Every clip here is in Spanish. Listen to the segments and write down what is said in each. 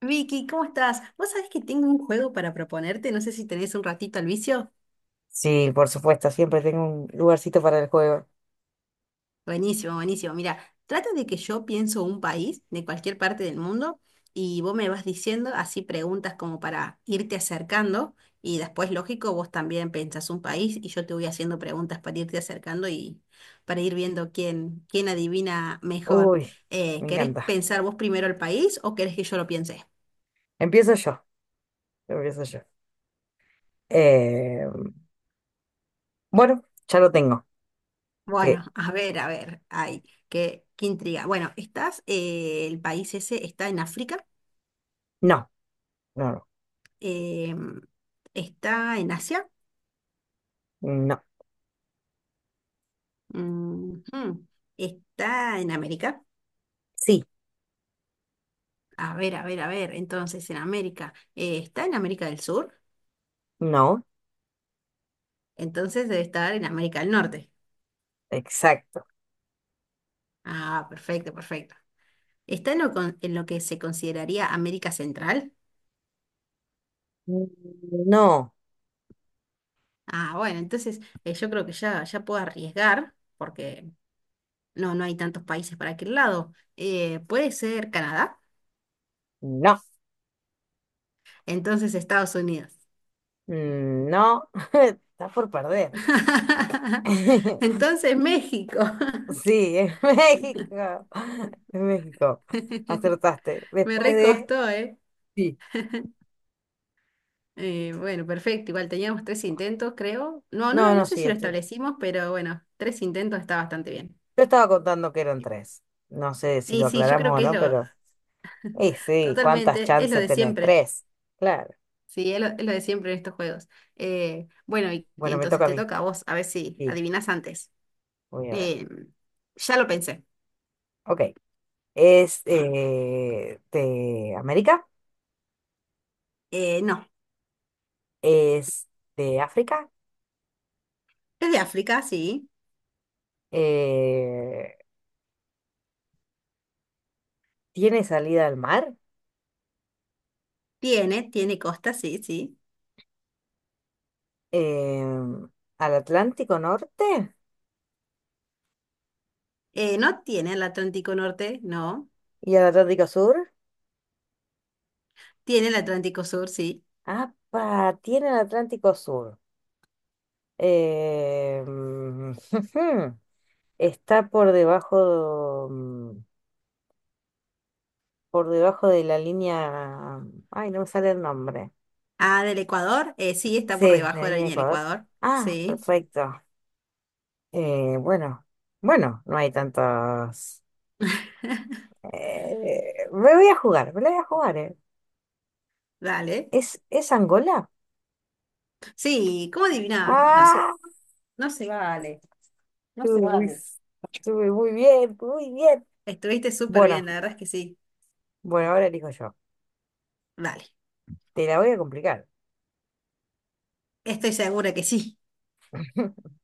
Vicky, ¿cómo estás? Vos sabés que tengo un juego para proponerte, no sé si tenés un ratito al vicio. Sí, por supuesto, siempre tengo un lugarcito para el juego. Buenísimo, buenísimo. Mira, trata de que yo pienso un país de cualquier parte del mundo y vos me vas diciendo así preguntas como para irte acercando y después, lógico, vos también pensás un país y yo te voy haciendo preguntas para irte acercando y para ir viendo quién adivina mejor. Uy, me ¿Querés encanta. pensar vos primero el país o querés que yo lo piense? Empiezo yo, empiezo yo. Eh, bueno, ya lo tengo. Que Bueno, a ver, ay, qué intriga. Bueno, estás, el país ese está en África. no, no, em, ¿Está en Asia? no. Ujú, está en América. Sí, A ver, a ver, a ver, entonces en América, ¿está en América del Sur? no, Entonces debe estar en América del Norte. exacto. Ah, perfecto, perfecto. ¿Está en lo, en lo que se consideraría América Central? No, Ah, bueno, entonces yo creo que ya puedo arriesgar, porque no, no hay tantos países para aquel lado. ¿Puede ser Canadá? no, Entonces Estados Unidos. no. Estás por perder. Entonces México. Sí, es México. Es México. Acertaste. Me Después de... recostó, ¿eh? Sí. Bueno, perfecto. Igual teníamos tres intentos, creo. No, no, No, no no, sé sí, si lo estoy. establecimos, pero bueno, tres intentos está bastante bien. Yo estaba contando que eran tres. No sé si Y lo sí, yo creo aclaramos o que es no, lo pero. Y sí, ¿cuántas totalmente, es lo chances de tenés? siempre. Tres. Claro. Sí, es lo de siempre en estos juegos. Bueno, y Bueno, me entonces toca a te mí. toca a vos, a ver si Sí, adivinás antes. voy a ver. Em, ya lo pensé. Ok. ¿Es de América? No. ¿Es de África? Es de África, sí. Eh, ¿Tiene salida al mar? Tiene costa, sí, sí. Em, ¿Al Atlántico Norte? No tiene el Atlántico Norte, no. ¿Y al Atlántico Sur? Tiene el Atlántico Sur, sí. Ah, tiene el Atlántico Sur. Em, Está por debajo, por debajo de la línea. Ay, no me sale el nombre. Ah, del Ecuador, sí, está Sí, por de debajo la de la línea de línea del Ecuador. Ecuador. Ah, Sí, perfecto. Bueno, bueno, no hay tantos. Me voy a jugar, me la voy a jugar, dale. Es Angola? Sí, ¿cómo adivinaba? ¡Ah! No se vale, no Estuve se muy, vale. estuve muy bien, muy bien. Estuviste súper Bueno, bien, la verdad es que sí. bueno, ahora elijo yo. Vale, Te la voy a complicar. estoy segura que sí.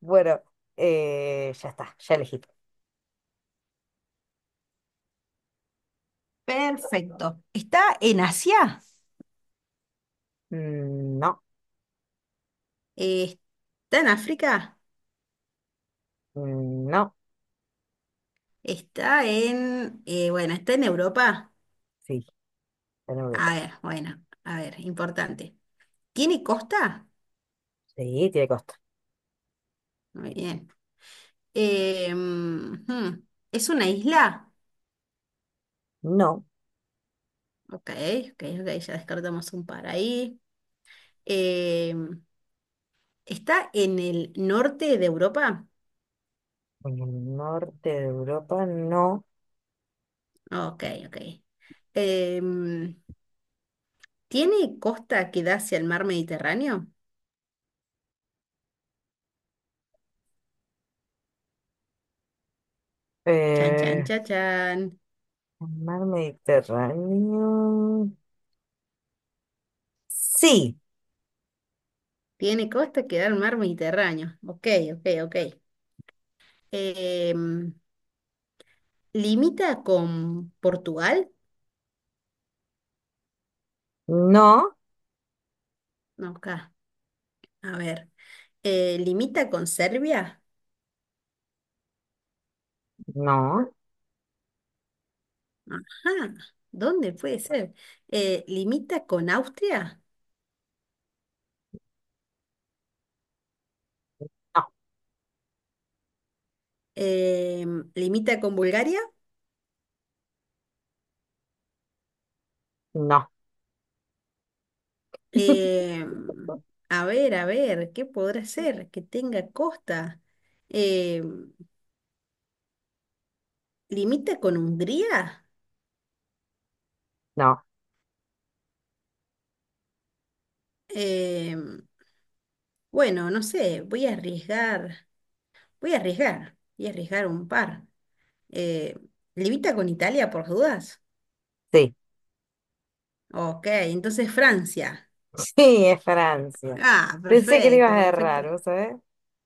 Bueno, ya está, ya elegí. Perfecto. ¿Está en Asia? Mm, no, Eh, ¿Está en África? mm, no. ¿Está en... bueno, está en Europa? Sí, está en A Europa. ver, bueno, a ver, importante. ¿Tiene costa? Sí, tiene costa. Muy bien. Eh, mm, hmm, ¿Es una isla? No, Ok, ok, ok, ya descartamos un par ahí. Eh, ¿Está en el norte de Europa? en el norte de Europa no. Ok, ok. Eh, mm, ¿Tiene costa que da hacia el mar Mediterráneo? Chan, chan, Eh, chan, chan. el mar Mediterráneo. Sí, Tiene costa que da al mar Mediterráneo. Ok, ok, ok. Eh, mm, ¿Limita con Portugal? no, Ok. A ver, ¿limita con Serbia? no, Ajá, ¿dónde puede ser? ¿Limita con Austria? ¿Limita con Bulgaria? no, no, Em, a ver, ¿qué podrá ser? Que tenga costa. Em, ¿Limita con Hungría? no, Em, bueno, no sé, voy a arriesgar, voy a arriesgar un par. Eh, ¿Limita con Italia por dudas? sí. Ok, entonces Francia. Sí, es Francia. Ah, Pensé que le ibas perfecto, a perfecto. errar, ¿vos sabés?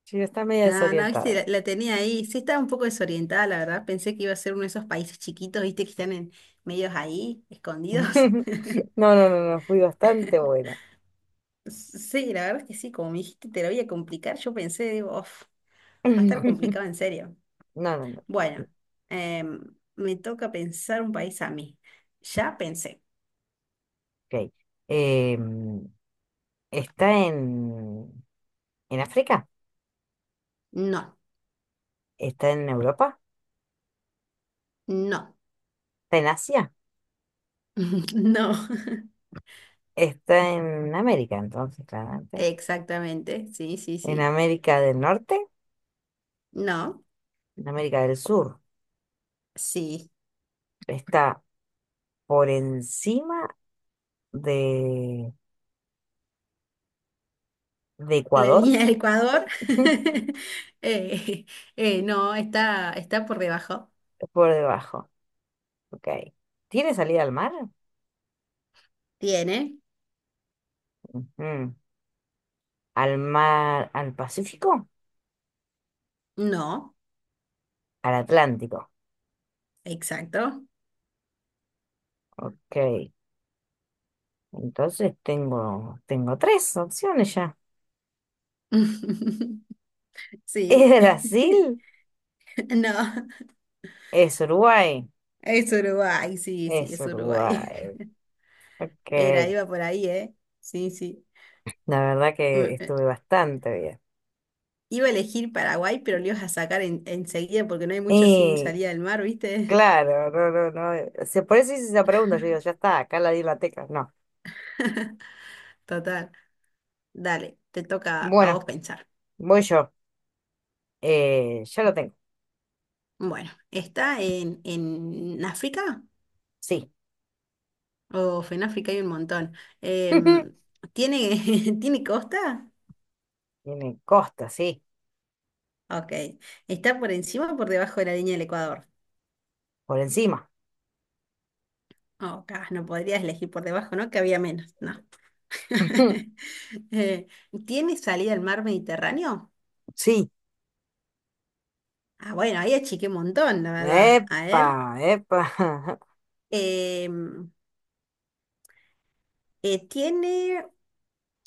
Sí, está media Ah, no, viste, desorientada. la tenía ahí. Sí, estaba un poco desorientada, la verdad. Pensé que iba a ser uno de esos países chiquitos, viste, que están en medios ahí, escondidos. No, no, no, no, fui bastante buena. Sí, la verdad es que sí, como me dijiste, te lo voy a complicar. Yo pensé, digo, "Uf, va a estar complicado en serio." No, no, no. Bueno, em, me toca pensar un país a mí. Ya pensé. Ok. Em, ¿está en África? No, Está en Europa, no, está en Asia, no. está en América, entonces, claramente. Exactamente. Sí, sí, En sí. América del Norte, No, en América del Sur. sí, Está por encima de, de la Ecuador, línea del Ecuador, eh, no, está por debajo. por debajo. Ok. ¿Tiene salida al mar? ¿Tiene? Ujú. ¿Al mar, al Pacífico? No, Al Atlántico. exacto. Ok. Entonces tengo, tengo tres opciones ya. Sí, ¿Es Brasil? no, ¿Es Uruguay? es Uruguay, sí, sí, Es es Uruguay. Uruguay. Era, Ok. iba por ahí, ¿eh? Sí, sí. La verdad Mm, que eh, estuve bastante bien. iba a elegir Paraguay, pero lo ibas a sacar enseguida porque no hay mucho sin Y salida del mar, ¿viste? claro, no, no, no. Se, por eso hice esa pregunta. Yo digo, ya está, acá la di la tecla. No. Total. Dale, te toca a Bueno, vos pensar. voy yo. Ya lo tengo. Bueno, ¿está en África? Sí. Oh, en África hay un montón. Em, ¿Tiene, ¿tiene costa? Tiene costa, sí. Ok. ¿Está por encima o por debajo de la línea del Ecuador? Por encima. Oh, no podrías elegir por debajo, ¿no? Que había menos. No. Eh, ¿tiene salida al mar Mediterráneo? Sí. Ah, bueno, ahí achiqué un montón, la verdad. A Epa, ver. epa. em, ¿Tiene,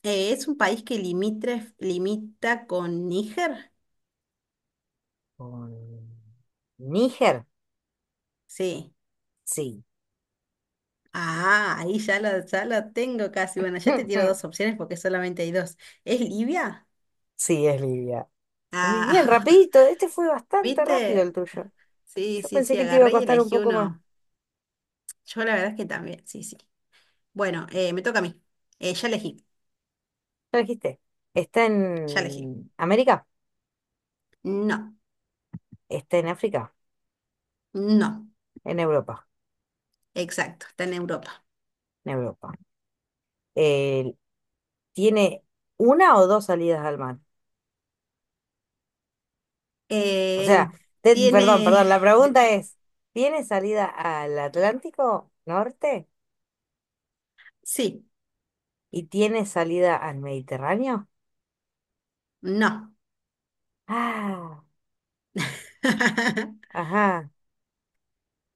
es un país que limita con Níger? Con Níger, Sí. sí. Ah, ahí ya lo tengo casi. Bueno, ya te tiro dos opciones porque solamente hay dos. ¿Es Libia? Sí, es Libia. Muy Ah, bien, rapidito. Este fue bastante rápido ¿viste? el tuyo. Sí, Yo sí, pensé sí, que te iba a agarré y costar un elegí poco más. uno. Yo la verdad es que también, sí, sí. Bueno, me toca a mí. Ya elegí, Lo dijiste. Está ya elegí. en América, No, está en África, no, en Europa, exacto, está en Europa. en Europa. Eh, ¿Tiene una o dos salidas al mar? O Eh, sea, te- perdón, tiene, perdón, la pregunta es, ¿tiene salida al Atlántico Norte sí, y tiene salida al Mediterráneo? no. Ah, ajá.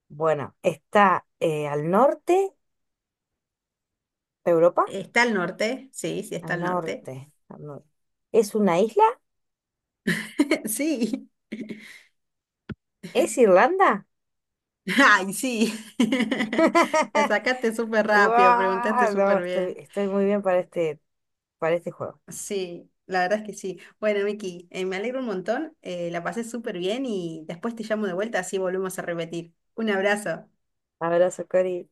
Bueno, está al norte de Europa, ¿Está al norte? Sí, sí, está al al norte. norte, al norte. ¿Es una isla? Sí. ¿Es Irlanda? Ay, sí. La sacaste súper rápido, preguntaste ¡Guau! No, súper estoy, bien. estoy muy bien para este juego. Sí, la verdad es que sí. Bueno, Miki, me alegro un montón. La pasé súper bien y después te llamo de vuelta, así volvemos a repetir. Un abrazo. Abrazo, Cori.